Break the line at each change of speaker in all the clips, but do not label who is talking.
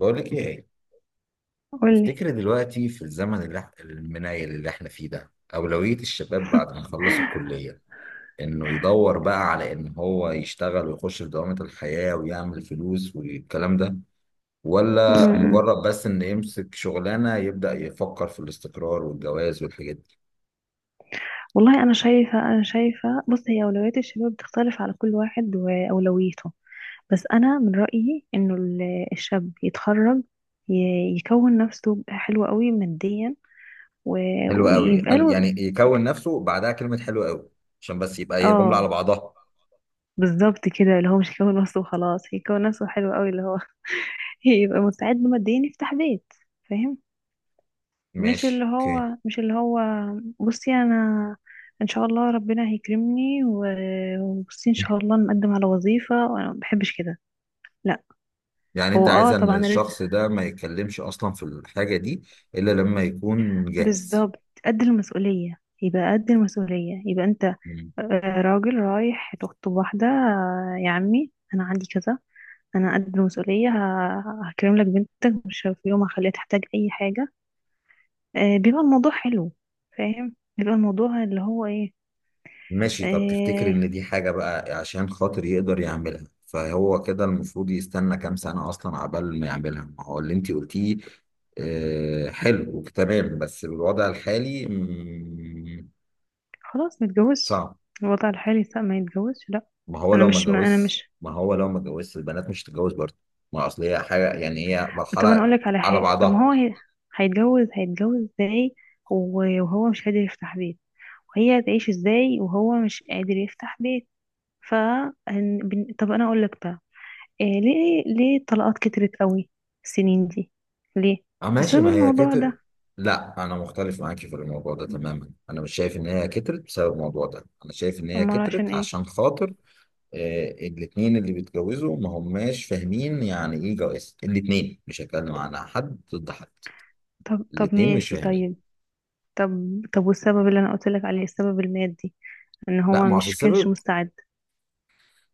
بقول لك ايه؟
قولي.
تفتكر دلوقتي في الزمن اللي المنايل اللي احنا فيه ده، اولوية الشباب بعد ما يخلص الكلية انه يدور بقى على ان هو يشتغل ويخش في دوامة الحياة ويعمل فلوس والكلام ده،
م-
ولا
م.
مجرد بس ان يمسك شغلانة يبدأ يفكر في الاستقرار والجواز والحاجات دي؟
والله انا شايفه. بص، هي اولويات الشباب بتختلف على كل واحد واولويته. بس انا من رايي انه الشاب يتخرج، يكون نفسه حلو قوي ماديا
حلو قوي،
ويبقى
حلو،
له.
يعني يكون نفسه بعدها كلمة حلو قوي عشان بس يبقى هي جملة على
اه،
بعضها.
بالظبط كده. اللي هو مش يكون نفسه وخلاص، يكون نفسه حلو قوي، اللي هو يبقى مستعد ماديا يفتح بيت. فاهم؟ مش اللي
ماشي، اوكي.
هو مش اللي هو بصي انا، ان شاء الله ربنا هيكرمني وبصي ان شاء الله نقدم على وظيفة، وانا ما بحبش كده، لا.
يعني انت
هو
عايز
اه،
ان
طبعا رزق.
الشخص ده ما يتكلمش اصلا في الحاجة دي الا لما يكون جاهز.
بالظبط قد المسؤولية، يبقى قد المسؤولية، يبقى انت.
مم.
راجل رايح تخطب واحدة، يا عمي انا عندي كذا. انا قد المسؤولية، هكرم لك بنتك، مش في يوم هخليها تحتاج اي حاجة. بيبقى الموضوع حلو. فاهم؟ بيبقى الموضوع اللي هو ايه.
ماشي، طب تفتكر
آه،
ان دي حاجة بقى عشان خاطر يقدر يعملها فهو كده المفروض يستنى كام سنة اصلا عبال ما يعملها ما هو اللي انت قلتيه؟ آه، حلو تمام، بس بالوضع الحالي
خلاص ما يتجوزش.
صعب.
الوضع الحالي لا، ما يتجوزش، لا. انا مش، ما انا مش.
ما هو لو ما اتجوزش البنات مش هتتجوز برضه. ما اصل هي حاجة، يعني هي
طب انا اقول
مرحلة
لك على
على
حاجه. طب ما
بعضها.
هو هي. هيتجوز ازاي وهو مش قادر يفتح بيت؟ وهي هتعيش ازاي وهو مش قادر يفتح بيت؟ ف، طب انا اقول لك بقى، إيه، ليه الطلاقات كترت قوي السنين دي؟ ليه؟
اه ماشي،
بسبب
ما هي
الموضوع
كتر.
ده.
لا، انا مختلف معاكي في الموضوع ده تماما، انا مش شايف ان هي كترت بسبب الموضوع ده، انا شايف ان هي
امال عشان
كترت
ايه؟
عشان خاطر. آه، الاتنين اللي بيتجوزوا ما هماش فاهمين يعني ايه جواز، الاتنين مش هتكلم عن حد ضد حد،
طب طب،
الاتنين مش
ماشي،
فاهمين.
طيب. طب طب، والسبب اللي انا قلت لك عليه، السبب المادي، ان
لا،
هو
ما هو أصل
مش كانش
السبب.
مستعد.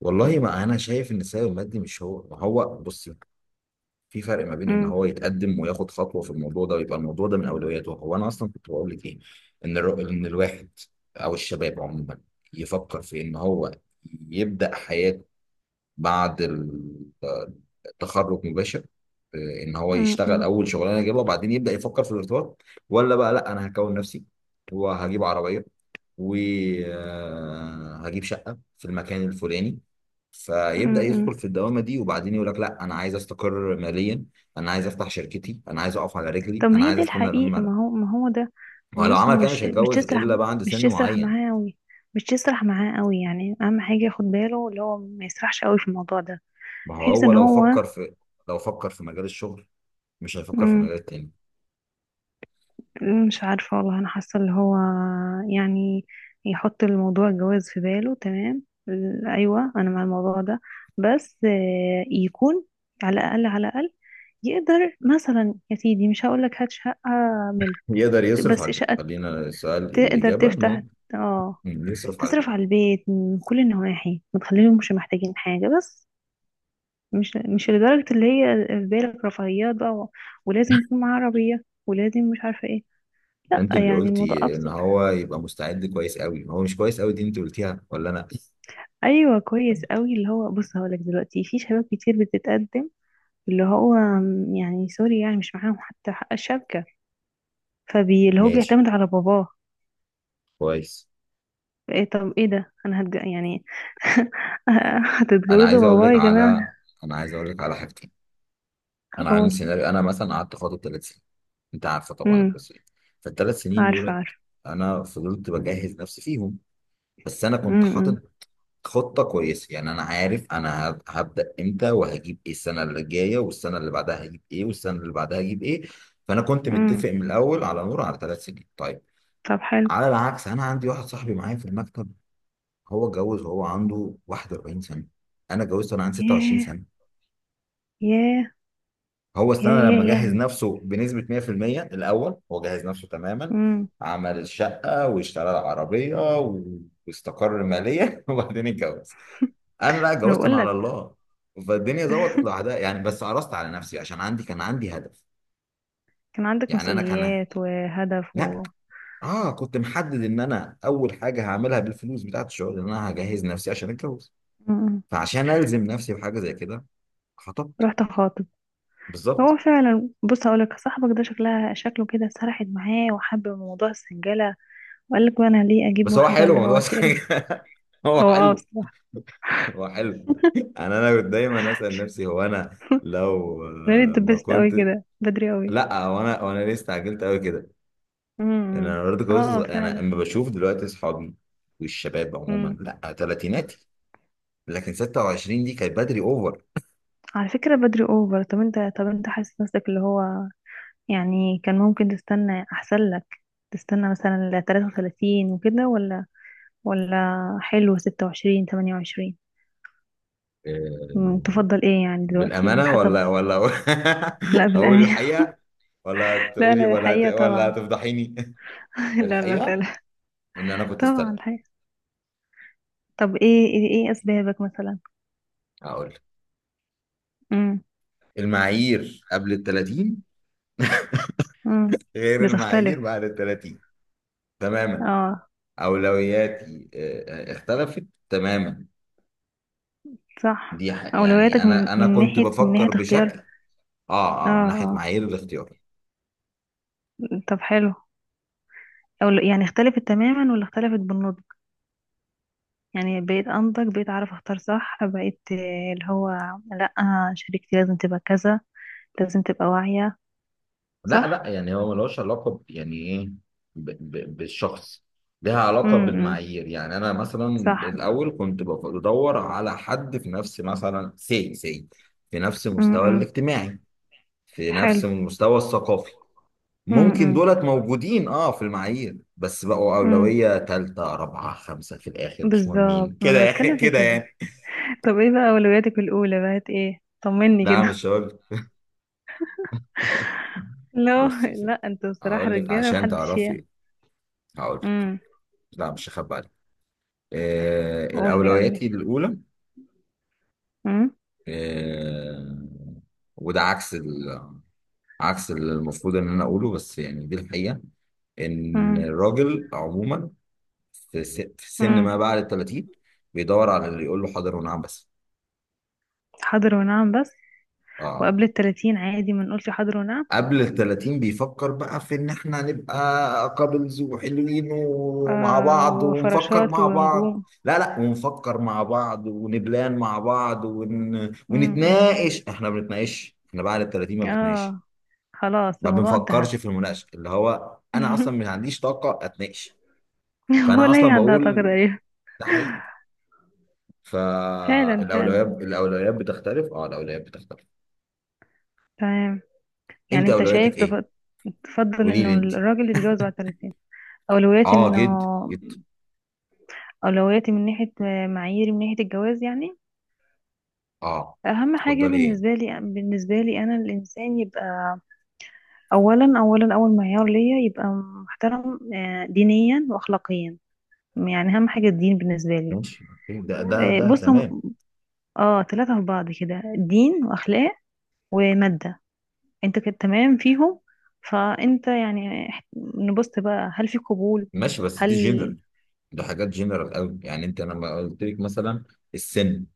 والله ما انا شايف ان السبب المادي مش هو، ما هو بص، في فرق ما بين ان هو يتقدم وياخد خطوه في الموضوع ده ويبقى الموضوع ده من اولوياته هو. انا اصلا كنت بقول لك ايه؟ ان ان الواحد او الشباب عموما يفكر في ان هو يبدا حياته بعد التخرج مباشر. ان هو
م-
يشتغل
م-
اول شغلانه يجيبها وبعدين يبدا يفكر في الارتباط. ولا بقى، لا انا هكون نفسي وهجيب عربيه وهجيب شقه في المكان الفلاني،
م-
فيبدأ
م.
يدخل في الدوامة دي وبعدين يقول لك لا أنا عايز أستقر ماليا، أنا عايز أفتح شركتي، أنا عايز أقف على رجلي،
طب ما
أنا
هي
عايز
دي
أستنى لما
الحقيقة.
أنا.
ما هو ما هو ده.
ولو
بص،
عمل
هو
كده مش
مش
هيتجوز
تسرح،
إلا بعد
مش
سن
تسرح
معين.
معاه قوي، مش تسرح معاه قوي، يعني اهم حاجة ياخد باله اللي هو ما يسرحش قوي في الموضوع ده،
ما هو
بحيث
هو
ان هو
لو فكر في مجال الشغل، مش هيفكر في
م،
مجال تاني.
مش عارفة. والله انا حاسة اللي هو يعني يحط الموضوع الجواز في باله، تمام. ايوه انا مع الموضوع ده، بس يكون على الاقل، على الاقل يقدر مثلا، يا سيدي مش هقول لك هات شقة ملك،
يقدر يصرف على
بس
البيت،
شقة
خلينا السؤال،
تقدر
الإجابة
تفتح،
إنه
اه،
يصرف على
تصرف
البيت.
على البيت من كل النواحي، ما تخليهمش محتاجين حاجة، بس مش لدرجة اللي هي في بالك رفاهيات بقى، ولازم يكون معاه عربية ولازم مش عارفة ايه. لا،
أنت اللي
يعني الموضوع
قلتي إن
أبسط.
هو يبقى مستعد كويس قوي، هو مش كويس قوي، دي أنت قلتيها ولا أنا؟
أيوة كويس قوي. اللي هو بص هقولك دلوقتي في شباب كتير بتتقدم، اللي هو يعني سوري، يعني مش معاهم حتى حق الشبكة، فبي اللي هو
ماشي،
بيعتمد على باباه.
كويس.
ايه طب ايه ده؟ يعني
أنا
هتتجوزوا
عايز أقول
باباه
لك
يا جماعة؟
على أنا عايز أقول لك على حاجتين. انا عامل
اقول.
سيناريو، انا مثلا قعدت خاطب 3 سنين، انت عارفه طبعا القصه دي. فالثلاث سنين
عارفة
دولت
عارفة.
انا فضلت بجهز نفسي فيهم، بس انا كنت
امم
حاطط خطه كويسه، يعني انا عارف انا هبدا امتى وهجيب ايه السنه اللي جايه، والسنه اللي بعدها هجيب ايه، والسنه اللي بعدها هجيب ايه. فانا كنت
امم
متفق من الاول على نور على 3 سنين، طيب.
طب حلو.
على العكس، انا عندي واحد صاحبي معايا في المكتب، هو اتجوز وهو عنده 41 سنه، انا اتجوزت وانا عندي 26
ياه
سنه.
ياه
هو
ياه
استنى
ياه
لما جهز
يعني.
نفسه بنسبة 100%. الأول هو جهز نفسه تماما،
امم
عمل الشقة واشترى العربية واستقر ماليا وبعدين اتجوز. أنا لا،
انا
اتجوزت أنا
بقول
على
لك
الله. فالدنيا ظبطت لوحدها يعني، بس قرصت على نفسي عشان كان عندي هدف.
كان عندك
يعني أنا كان،
مسؤوليات وهدف
لا،
و.
كنت محدد إن أنا أول حاجة هعملها بالفلوس بتاعت الشغل إن أنا هجهز نفسي عشان أتجوز.
امم
فعشان ألزم نفسي بحاجة زي كده، خطبت.
رحت خاطب.
بالظبط.
هو فعلا، بص هقول لك، صاحبك ده شكلها شكله كده سرحت معاه وحب موضوع السنجلة، وقال لك بقى انا ليه اجيب
بس هو
واحدة
حلو
اللي هو
الموضوع.
تقرف.
هو
هو اه
حلو.
بصراحة.
هو حلو. انا كنت دايما اسال نفسي هو انا لو
انا ليه
ما
اتدبست قوي
كنت.
كده بدري قوي؟
لا، هو انا ليه استعجلت قوي كده. انا
امم.
أنا برضه كويس
اه،
صغير، انا
فعلا.
اما بشوف دلوقتي اصحابي والشباب عموما،
امم.
لا ثلاثيناتي. لكن 26 دي كانت بدري اوفر.
على فكرة بدري اوفر. طب انت، طب انت حاسس نفسك اللي هو يعني كان ممكن تستنى احسن لك؟ تستنى مثلا ل 33 وكده؟ ولا حلو 26 28؟
آه،
تفضل ايه يعني دلوقتي
بالامانه
بحسب.
ولا ولا
لا،
اقول
بالأمان.
الحقيقه ولا
لا
تقولي
لا، الحقيقة
ولا
طبعا.
هتفضحيني؟
لا لا
الحقيقه
لا.
ان انا كنت
طبعا
استنى.
الحقيقة. طب ايه، إيه اسبابك مثلا؟
اقول لك.
امم.
المعايير قبل ال 30
امم.
غير المعايير
بتختلف.
بعد ال 30 تماما.
اه،
أولوياتي اختلفت تماما.
صح.
يعني
اولوياتك من
أنا كنت
ناحية، من
بفكر
ناحية اختيار.
بشكل.
اه
من ناحية
اه.
معايير الاختيار.
طب حلو. أو يعني اختلفت تماما ولا اختلفت بالنص؟ يعني بقيت انضج، بقيت اعرف اختار صح، بقيت اللي هو لا، شريكتي لازم تبقى كذا، لازم تبقى واعية.
لا، لا،
صح.
يعني هو ملوش علاقة يعني إيه بالشخص، لها علاقة
امم.
بالمعايير، يعني أنا مثلا
صح.
الأول كنت بدور على حد في نفس، مثلا سي في نفس المستوى
امم.
الاجتماعي، في
حلو.
نفس المستوى الثقافي. ممكن
امم.
دولت موجودين، اه، في المعايير، بس بقوا
امم.
أولوية تالتة رابعة خمسة، في الآخر مش مهمين
بالظبط. ما
كده
انا
يعني
بتكلم في
كده
كده.
يعني.
طب ايه بقى اولوياتك الاولى بقت ايه؟ طمني
لا،
كده.
مش هقول لك.
لا
بص يا
لا،
ستي،
انتوا بصراحة
هقول لك
رجالة
عشان
محدش يعني.
تعرفي، هقول لك.
امم.
لا، مش هخبي عليك. آه،
قولي قولي.
الأولويات الأولى.
امم.
آه، وده عكس عكس اللي المفروض إن أنا أقوله، بس يعني دي الحقيقة. ان
امم.
الراجل عموما في في سن
امم.
ما بعد ال 30 بيدور على اللي يقول له حاضر ونعم بس.
حاضر ونعم بس.
اه،
وقبل التلاتين عادي ما نقولش حاضر ونعم؟
قبل ال 30 بيفكر بقى في ان احنا نبقى كابلز وحلوين ومع
آه
بعض ونفكر
وفراشات
مع
ونجوم.
بعض، لا، لا، ونفكر مع بعض ونبلان مع بعض
امم.
ونتناقش. احنا ما بنتناقش، احنا بعد ال 30 ما بنتناقش.
اه. خلاص
ما
الموضوع انتهى.
بنفكرش في المناقشه، اللي هو انا اصلا ما عنديش طاقه اتناقش. فانا
ولا
اصلا
هي عندها طاقة
بقول
تقريبا.
ده حقيقي.
فعلا
فالاولويات
فعلا.
الاولويات بتختلف، اه الاولويات بتختلف.
تمام.
انت
يعني انت شايف
اولوياتك ايه؟
تفضل
قولي
انه
لي انت،
الراجل يتجوز بعد 30. اولويات
اه،
انه
جد جد،
اولوياتي من ناحية، معاييري من ناحية الجواز يعني.
اه،
اهم حاجة
اتفضلي ايه.
بالنسبة لي، بالنسبة لي انا الانسان يبقى اولا، اولا اول معيار ليا يبقى محترم، دينيا واخلاقيا، يعني اهم حاجة الدين بالنسبة لي.
ماشي اوكي، ده ده ده
بص هم.
تمام.
اه، ثلاثة في بعض كده، دين واخلاق ومادة. انت كنت تمام فيهم. فانت يعني نبص بقى هل في قبول؟
ماشي، بس
هل.
دي جنرال، ده حاجات جنرال قوي، يعني انت لما قلت لك مثلا السن،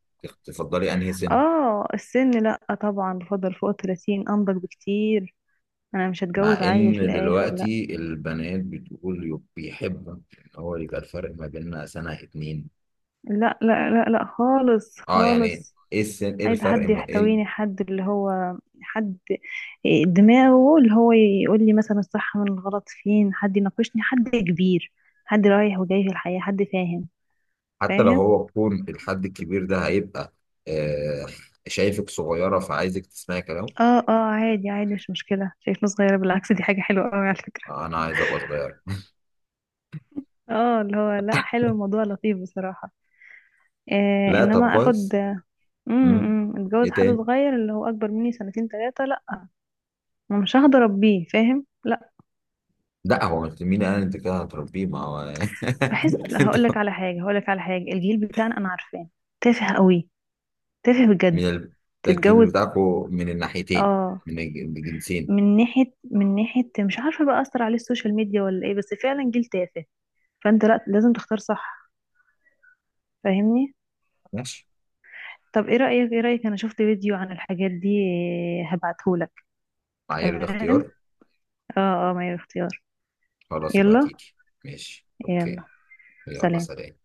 تفضلي انهي سن؟
اه، السن لا طبعا، بفضل فوق الثلاثين، انضج بكتير. انا مش
مع
هتجوز عيل في
ان
الاخر، لا.
دلوقتي البنات بتقول بيحبوا ان هو يبقى الفرق ما بيننا سنة اتنين.
لا لا لا لا خالص
اه، يعني
خالص.
ايه السن؟ ايه
عايزة
الفرق؟
حد
ما إيه
يحتويني، حد اللي هو حد دماغه اللي هو يقول لي مثلا الصح من الغلط، فين حد يناقشني، حد كبير، حد رايح وجاي في الحياة، حد فاهم.
حتى لو
فاهم.
هو يكون الحد الكبير ده هيبقى آه، شايفك صغيرة، فعايزك تسمعي كلامه.
اه اه، عادي عادي، مش مشكلة شايفنا صغيرة، بالعكس دي حاجة حلوة قوي على فكرة.
آه، انا عايز ابقى صغير.
اه، اللي هو لا، حلو الموضوع، لطيف بصراحة.
لا،
انما
طب
اخد.
كويس. مم. ايه
اتجوز حد
تاني؟
صغير اللي هو اكبر مني سنتين ثلاثة؟ لا. ما مش هقدر اربيه. فاهم؟ لا.
لا، هو مين قال انت كده هتربيه؟ ما هو
بحس،
انت
هقول لك على حاجة، هقول لك على حاجة، الجيل بتاعنا انا عارفاه تافه قوي، تافه بجد.
من ال... ده الجيل
تتجوز.
بتاعكو من الناحيتين،
اه.
من الجنسين.
من ناحية، من ناحية مش عارفة بقى اثر عليه السوشيال ميديا ولا ايه، بس فعلا جيل تافه. فانت لا، لازم تختار صح. فاهمني؟
ماشي.
طب ايه رأيك، ايه رأيك، انا شفت فيديو عن الحاجات دي، هبعتهولك.
معايير
تمام.
الاختيار.
اه اه، ما هي اختيار.
خلاص بقى،
يلا.
تيجي. ماشي
يلا
اوكي. يلا،
سلام.
سلام.